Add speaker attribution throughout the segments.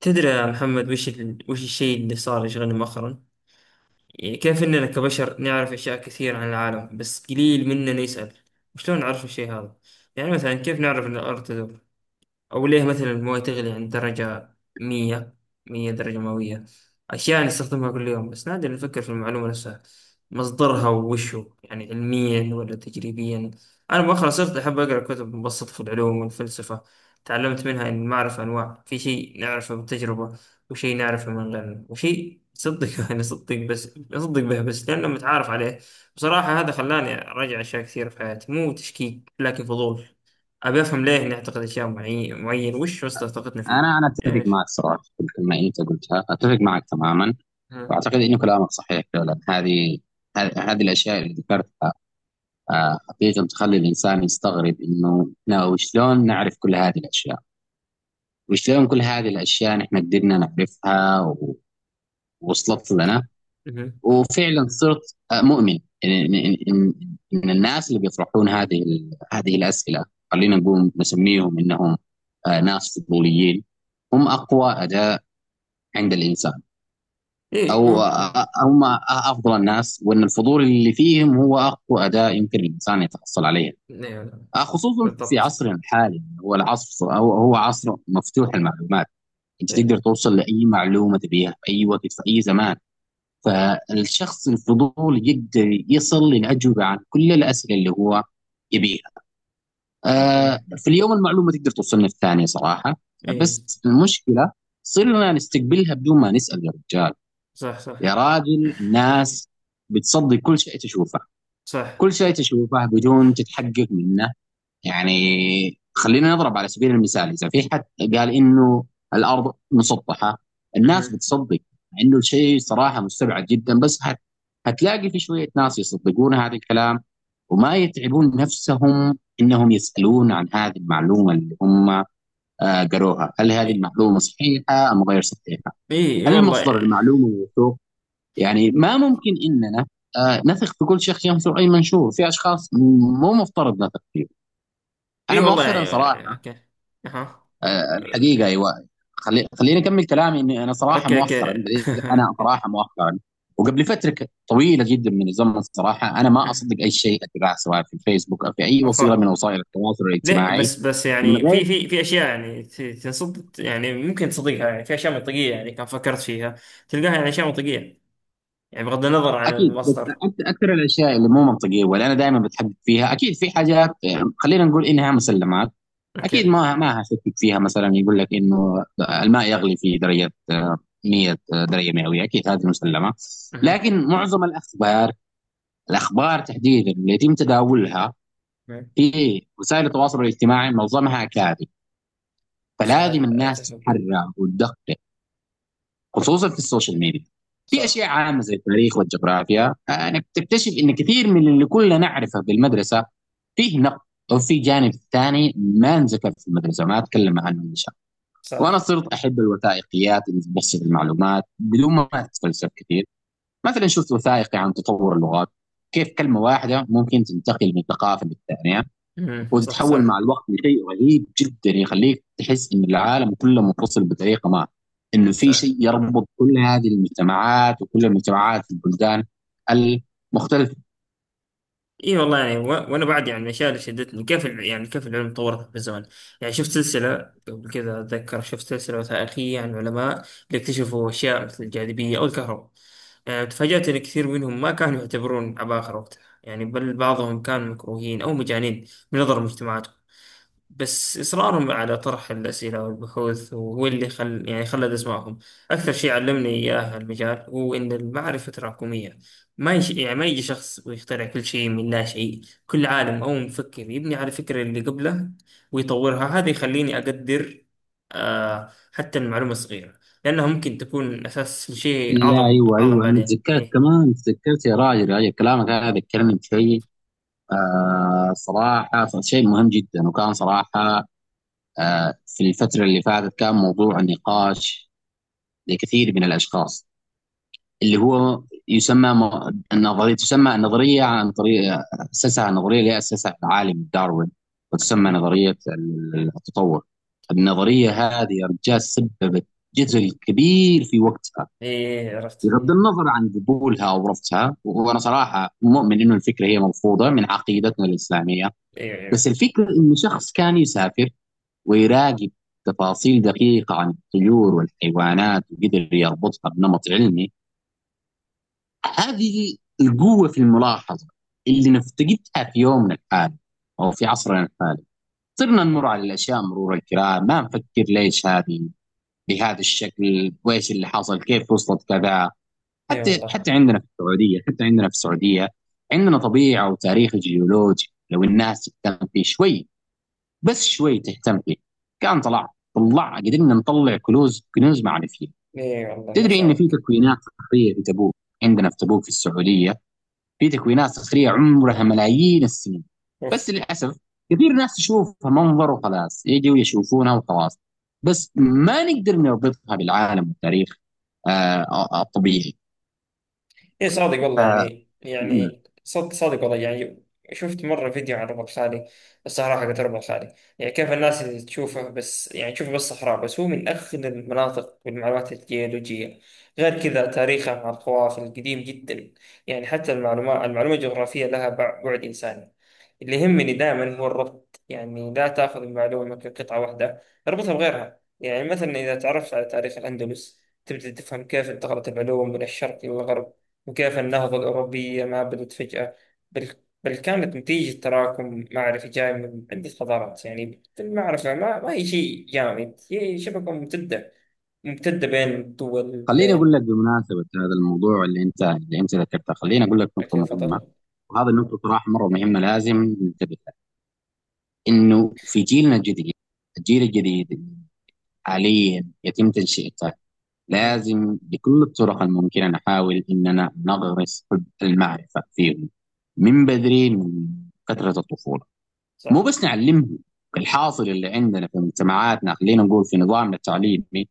Speaker 1: تدري يا محمد، وش الشيء اللي صار يشغلني مؤخرا؟ يعني كيف إننا كبشر نعرف أشياء كثير عن العالم، بس قليل مننا يسأل وشلون نعرف الشيء هذا؟ يعني مثلا كيف نعرف إن الأرض تدور؟ أو ليه مثلا الموية تغلي عند درجة مية 100 درجة مئوية. أشياء نستخدمها كل يوم بس نادر نفكر في المعلومة نفسها، مصدرها ووشه يعني علميا ولا تجريبيا. أنا مؤخرا صرت أحب أقرأ كتب مبسطة في العلوم والفلسفة. تعلمت منها إن المعرفة أنواع، في شيء نعرفه بالتجربة وشيء نعرفه من غيرنا وشيء نصدق نصدق به بس لأنه متعارف عليه. بصراحة هذا خلاني أراجع أشياء كثيرة في حياتي، مو تشكيك لكن فضول. أبي أفهم ليه نعتقد أشياء معينة وش وسط طاقتنا فيه.
Speaker 2: انا اتفق
Speaker 1: إيش؟
Speaker 2: معك صراحه في الكلمه اللي انت قلتها، اتفق معك تماما،
Speaker 1: ها؟
Speaker 2: واعتقد انه كلامك صحيح فعلا. هذه الاشياء اللي ذكرتها حقيقه تخلي الانسان يستغرب انه لا، وشلون نعرف كل هذه الاشياء، وشلون كل هذه الاشياء نحن قدرنا نعرفها ووصلت لنا.
Speaker 1: مهم.
Speaker 2: وفعلا صرت مؤمن ان ان ان إن- إن الناس اللي بيطرحون هذه هذه الاسئله، خلينا نقول نسميهم انهم ناس فضوليين، هم اقوى اداه عند الانسان.
Speaker 1: إيه
Speaker 2: هم افضل الناس، وان الفضول اللي فيهم هو اقوى اداه يمكن الانسان يتحصل عليها،
Speaker 1: إيه. لا.
Speaker 2: خصوصا في
Speaker 1: بالضبط.
Speaker 2: عصرنا الحالي هو العصر، هو عصر مفتوح المعلومات. انت
Speaker 1: إيه.
Speaker 2: تقدر توصل لاي معلومه تبيها في اي وقت في اي زمان. فالشخص الفضول يقدر يصل للاجوبه عن كل الاسئله اللي هو يبيها.
Speaker 1: مهم.
Speaker 2: في اليوم المعلومه تقدر توصلنا في ثانيه صراحه.
Speaker 1: إيه.
Speaker 2: بس المشكله صرنا نستقبلها بدون ما نسال. يا رجال،
Speaker 1: صح، صح،
Speaker 2: يا راجل، الناس بتصدق كل شيء تشوفه،
Speaker 1: صح.
Speaker 2: كل شيء تشوفه بدون تتحقق منه. يعني خلينا نضرب على سبيل المثال، إذا في حد قال إنه الأرض مسطحة،
Speaker 1: مهم.
Speaker 2: الناس بتصدق، مع إنه الشيء صراحة مستبعد جدا، بس هتلاقي في شوية ناس يصدقون هذا الكلام وما يتعبون نفسهم إنهم يسألون عن هذه المعلومة اللي هم قروها، هل هذه
Speaker 1: إيه،
Speaker 2: المعلومة صحيحة أم غير صحيحة؟
Speaker 1: إيه، إيه،
Speaker 2: هل مصدر
Speaker 1: والله.
Speaker 2: المعلومة موثوق؟ يعني ما ممكن اننا نثق في كل شخص ينشر اي منشور، في اشخاص مو مفترض نثق فيهم. انا
Speaker 1: إيه والله
Speaker 2: مؤخرا
Speaker 1: يعني.
Speaker 2: صراحه
Speaker 1: أوكي. أها.
Speaker 2: الحقيقه ايوه، خليني اكمل كلامي. اني
Speaker 1: أوكي، أوكي.
Speaker 2: انا صراحه مؤخرا وقبل فتره طويله جدا من الزمن صراحه انا ما
Speaker 1: مم.
Speaker 2: اصدق اي شيء اتباعه، سواء في الفيسبوك او في اي وسيله من
Speaker 1: عفوا.
Speaker 2: وسائل التواصل
Speaker 1: لا،
Speaker 2: الاجتماعي
Speaker 1: بس
Speaker 2: من
Speaker 1: يعني في
Speaker 2: غير.
Speaker 1: في في اشياء يعني ت- تنصد يعني ممكن تصدقها، يعني في اشياء منطقيه يعني كان فكرت فيها. تلقاها يعني اشياء منطقيه، يعني بغض النظر عن
Speaker 2: اكيد بس
Speaker 1: المصدر.
Speaker 2: اكثر الاشياء اللي مو منطقيه، واللي انا دائما بتحدد فيها اكيد في حاجات خلينا نقول انها مسلمات، اكيد
Speaker 1: اوكي.
Speaker 2: ما هشكك فيها. مثلا يقول لك انه الماء يغلي في درجه 100 درجه مئويه، اكيد هذه مسلمه.
Speaker 1: اها.
Speaker 2: لكن معظم الاخبار، الاخبار تحديدا اللي يتم تداولها
Speaker 1: مم.
Speaker 2: في وسائل التواصل الاجتماعي معظمها كاذب،
Speaker 1: صح.
Speaker 2: فلازم الناس
Speaker 1: اتفق.
Speaker 2: تتحرى وتدقق، خصوصا في السوشيال ميديا. في
Speaker 1: صح،
Speaker 2: اشياء عامه زي التاريخ والجغرافيا، انك تكتشف ان كثير من اللي كلنا نعرفه بالمدرسه فيه نقد، وفي جانب ثاني ما انذكر في المدرسه ما اتكلم عنه.
Speaker 1: صح.
Speaker 2: وانا صرت احب الوثائقيات اللي تبسط المعلومات بدون ما اتفلسف كثير. مثلا شفت وثائقي عن تطور اللغات، كيف كلمة واحدة ممكن تنتقل من ثقافة للثانية
Speaker 1: امم. صح،
Speaker 2: وتتحول
Speaker 1: صح،
Speaker 2: مع الوقت لشيء رهيب جدا يخليك تحس إن العالم كله منفصل بطريقة ما، إنه في
Speaker 1: صح.
Speaker 2: شيء يربط كل هذه المجتمعات وكل المجتمعات في البلدان المختلفة.
Speaker 1: اي والله يعني، وانا بعد يعني من الاشياء اللي شدتني يعني كيف العلم تطورت بالزمن. يعني شفت سلسله قبل كذا، اتذكر شفت سلسله وثائقيه عن علماء اللي اكتشفوا اشياء مثل الجاذبيه او الكهرباء. يعني تفاجات ان كثير منهم ما كانوا يعتبرون عباقرة وقتها، يعني بل بعضهم كانوا مكروهين او مجانين من نظر المجتمعات. بس إصرارهم على طرح الأسئلة والبحوث هو اللي خل يعني خلد اسمائهم. أكثر شيء علمني إياه المجال هو إن المعرفة تراكمية. ما يش... يعني ما يجي شخص ويخترع كل شيء من لا شيء. كل عالم أو مفكر يبني على الفكرة اللي قبله ويطورها، هذا يخليني أقدر آه حتى المعلومة الصغيرة لأنها ممكن تكون أساس لشيء
Speaker 2: لا
Speaker 1: أعظم،
Speaker 2: أيوه
Speaker 1: أعظم
Speaker 2: أيوه، أنا
Speaker 1: بعدين.
Speaker 2: تذكرت
Speaker 1: إيه.
Speaker 2: كمان، تذكرت يا راجل، يا راجل كلامك هذا يتكلم في شيء صراحة شيء مهم جدا، وكان صراحة في الفترة اللي فاتت كان موضوع نقاش لكثير من الأشخاص، اللي هو يسمى النظرية، تسمى النظرية عن طريق أسسها، النظرية اللي أسسها العالم داروين، وتسمى
Speaker 1: مهم.
Speaker 2: نظرية التطور. النظرية هذه يا رجال سببت جدل كبير في وقتها،
Speaker 1: إيه عرفت.
Speaker 2: بغض النظر عن قبولها أو رفضها. وأنا صراحة مؤمن إنه الفكرة هي مرفوضة من عقيدتنا الإسلامية،
Speaker 1: إيه،
Speaker 2: بس
Speaker 1: إيه.
Speaker 2: الفكرة إنه شخص كان يسافر ويراقب تفاصيل دقيقة عن الطيور والحيوانات، وقدر يربطها بنمط علمي. هذه القوة في الملاحظة اللي نفتقدها في يومنا الحالي أو في عصرنا الحالي. صرنا نمر على الأشياء مرور الكرام، ما نفكر ليش هذه بهذا الشكل، وإيش اللي حصل، كيف وصلت كذا.
Speaker 1: إيه
Speaker 2: حتى
Speaker 1: والله.
Speaker 2: حتى عندنا في السعودية، حتى عندنا في السعودية عندنا طبيعة وتاريخ جيولوجي، لو الناس تهتم فيه شوي، بس شوي تهتم فيه، كان طلع، طلع قدرنا نطلع كنوز، كنوز معرفيه.
Speaker 1: إيه والله نفس
Speaker 2: تدري ان
Speaker 1: هذا.
Speaker 2: في تكوينات صخريه في تبوك، عندنا في تبوك في السعوديه في تكوينات صخريه عمرها ملايين السنين،
Speaker 1: أوف.
Speaker 2: بس للاسف كثير ناس تشوفها منظر وخلاص، يجوا يشوفونها وخلاص، بس ما نقدر نربطها بالعالم والتاريخ الطبيعي.
Speaker 1: ايه صادق
Speaker 2: ف
Speaker 1: والله يعني،
Speaker 2: مم.
Speaker 1: يعني صد صادق والله يعني. شفت مرة فيديو عن ربع خالي، الصحراء حقت ربع خالي، يعني كيف الناس اللي تشوفه بس، صحراء، بس هو من أخذ المناطق بالمعلومات الجيولوجية، غير كذا تاريخه مع القوافل القديم جدا. يعني حتى المعلومة الجغرافية لها بعد إنساني. اللي يهمني دائما هو الربط، يعني لا تأخذ المعلومة كقطعة واحدة، اربطها بغيرها. يعني مثلا إذا تعرفت على تاريخ الأندلس تبدأ تفهم كيف انتقلت العلوم من الشرق إلى الغرب، وكيف النهضة الأوروبية ما بدت فجأة، بل, بل كانت نتيجة تراكم معرفي جاي من عدة حضارات. يعني المعرفة ما هي شيء جامد، هي شبكة ممتدة بين الدول،
Speaker 2: خليني اقول لك
Speaker 1: بين...
Speaker 2: بمناسبه هذا الموضوع اللي انت، اللي انت ذكرته، خليني اقول لك نقطه
Speaker 1: أوكي،
Speaker 2: مهمه،
Speaker 1: تفضل.
Speaker 2: وهذه النقطه صراحه مره مهمه لازم ننتبه لها. انه في جيلنا الجديد، الجيل الجديد حاليا يتم تنشئته،
Speaker 1: مهم.
Speaker 2: لازم بكل الطرق الممكنه نحاول اننا نغرس حب المعرفه فيهم من بدري، من فتره الطفوله.
Speaker 1: صح.
Speaker 2: مو بس نعلمهم، الحاصل اللي عندنا في مجتمعاتنا خلينا نقول في نظامنا التعليمي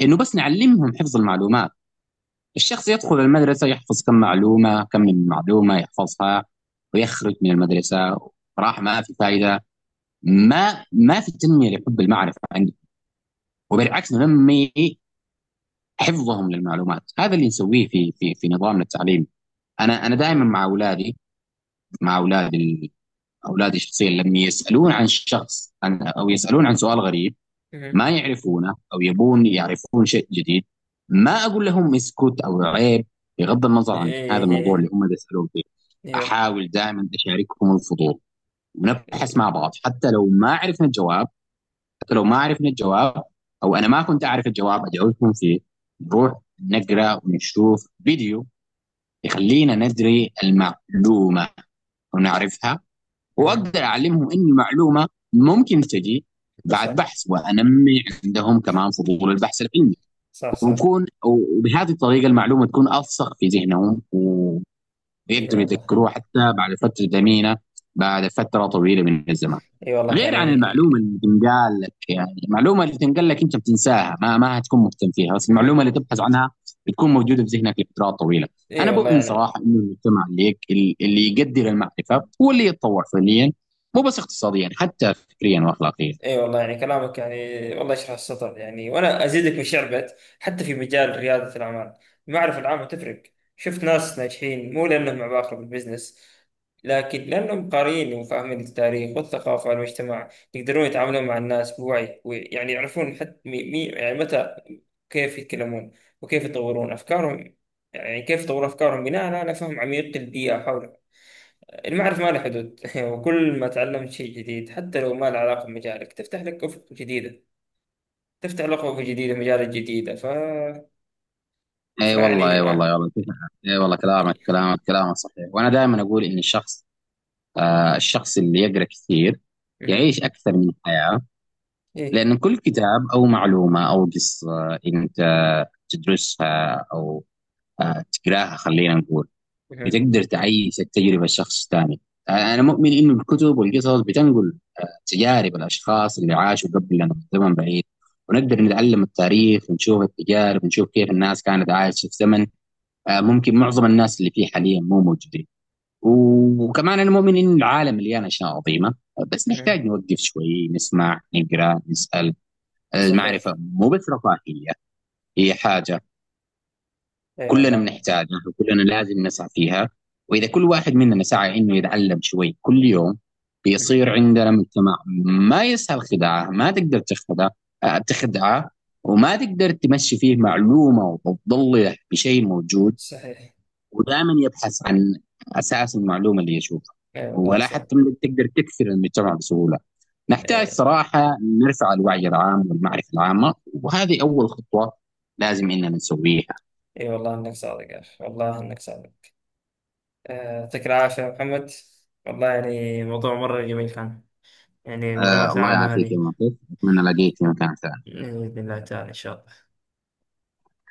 Speaker 2: انه بس نعلمهم حفظ المعلومات. الشخص يدخل المدرسه يحفظ كم معلومه، كم من معلومه يحفظها ويخرج من المدرسه، راح ما في فائده. ما في تنميه لحب المعرفه عندهم، وبالعكس ننمي حفظهم للمعلومات، هذا اللي نسويه في في نظامنا التعليمي. انا دائما
Speaker 1: مهم.
Speaker 2: مع اولادي، مع اولادي، اولادي شخصيا لما يسالون عن شخص عن، او يسالون عن سؤال غريب ما
Speaker 1: مهم.
Speaker 2: يعرفونه او يبون يعرفون شيء جديد، ما اقول لهم اسكت او عيب بغض النظر عن هذا
Speaker 1: إيه،
Speaker 2: الموضوع
Speaker 1: إيه.
Speaker 2: اللي هم يسالون فيه.
Speaker 1: إيوه.
Speaker 2: احاول دائما اشاركهم الفضول، ونبحث مع بعض حتى لو ما عرفنا الجواب، حتى لو ما عرفنا الجواب، او انا ما كنت اعرف الجواب ادعوكم في نروح نقرا ونشوف فيديو يخلينا ندري المعلومه ونعرفها.
Speaker 1: مهم.
Speaker 2: واقدر اعلمهم ان المعلومه ممكن تجي بعد
Speaker 1: صح.
Speaker 2: بحث، وانمي عندهم كمان فضول البحث العلمي.
Speaker 1: صح، صح.
Speaker 2: ويكون وبهذه الطريقه المعلومه تكون الصق في ذهنهم، و
Speaker 1: إي
Speaker 2: يقدروا
Speaker 1: والله.
Speaker 2: يذكروه حتى بعد فترة ثمينة، بعد فترة طويلة من الزمان،
Speaker 1: إي والله
Speaker 2: غير عن
Speaker 1: يعني.
Speaker 2: المعلومة اللي تنقال لك. يعني المعلومة اللي تنقال لك أنت بتنساها، ما هتكون مهتم فيها، بس المعلومة
Speaker 1: مهم.
Speaker 2: اللي تبحث عنها بتكون موجودة في ذهنك لفترات طويلة.
Speaker 1: إي
Speaker 2: أنا
Speaker 1: والله
Speaker 2: بؤمن صراحة
Speaker 1: يعني.
Speaker 2: إنه المجتمع اللي يقدر المعرفة هو اللي يتطور فعليا، مو بس اقتصاديا، حتى فكريا وأخلاقيا.
Speaker 1: اي والله يعني كلامك يعني، والله يشرح السطر، يعني وانا ازيدك من شعبك حتى في مجال رياده الاعمال، المعرفه العامه تفرق. شفت ناس ناجحين مو لانهم عباقرة بالبزنس، لكن لانهم قارئين وفاهمين التاريخ والثقافه والمجتمع، يقدرون يتعاملون مع الناس بوعي ويعني يعرفون حتى متى كيف يتكلمون وكيف يطورون افكارهم. يعني كيف يطورون افكارهم بناء على فهم عميق للبيئه حولهم. المعرفة ما لها حدود وكل ما تعلمت شيء جديد حتى لو ما له علاقة بمجالك تفتح لك أفق جديدة. تفتح لك أفق جديدة مجالات جديدة
Speaker 2: اي والله، اي
Speaker 1: فيعني.
Speaker 2: والله، يا والله شوف، اي والله كلامك، كلامك صحيح، وانا دائما اقول ان الشخص الشخص اللي يقرا كثير
Speaker 1: مهم.
Speaker 2: يعيش اكثر من الحياه،
Speaker 1: إيه.
Speaker 2: لأن كل كتاب أو معلومة أو قصة أنت تدرسها أو تقراها خلينا نقول،
Speaker 1: مهم.
Speaker 2: بتقدر تعيش التجربة لشخص تاني. أنا مؤمن إنه الكتب والقصص بتنقل تجارب الأشخاص اللي عاشوا قبلنا في زمن بعيد، ونقدر نتعلم التاريخ ونشوف التجارب ونشوف كيف الناس كانت عايشة في زمن ممكن معظم الناس اللي فيه حاليا مو موجودين. وكمان أنا مؤمن إن العالم مليان أشياء عظيمة، بس نحتاج
Speaker 1: مهم.
Speaker 2: نوقف شوي، نسمع، نقرأ، نسأل. المعرفة
Speaker 1: صحيح.
Speaker 2: مو بس رفاهية، هي حاجة
Speaker 1: أي
Speaker 2: كلنا
Speaker 1: والله.
Speaker 2: بنحتاجها وكلنا لازم نسعى فيها. وإذا كل واحد مننا سعى إنه يتعلم شوي كل يوم،
Speaker 1: مهم.
Speaker 2: بيصير عندنا مجتمع ما يسهل خداعه، ما تقدر تخدع تخدعه، وما تقدر تمشي فيه معلومة وتضله بشيء موجود،
Speaker 1: صحيح.
Speaker 2: ودائما يبحث عن أساس المعلومة اللي يشوفها،
Speaker 1: أي والله
Speaker 2: ولا
Speaker 1: صادق.
Speaker 2: حتى تقدر تكسر المجتمع بسهولة. نحتاج
Speaker 1: أي.
Speaker 2: صراحة نرفع الوعي العام والمعرفة العامة، وهذه أول خطوة لازم إننا نسويها.
Speaker 1: أي والله إنك صادق يا أخي، والله إنك صادق. آه، يعطيك العافية يا محمد، والله يعني موضوع مرة جميل كان، يعني
Speaker 2: آه
Speaker 1: المعلومات
Speaker 2: الله
Speaker 1: العامة
Speaker 2: يعافيك يا
Speaker 1: هذه.
Speaker 2: مطيف، أتمنى ألاقيك في مكان ثاني.
Speaker 1: يعني بإذن الله تعالى إن شاء الله.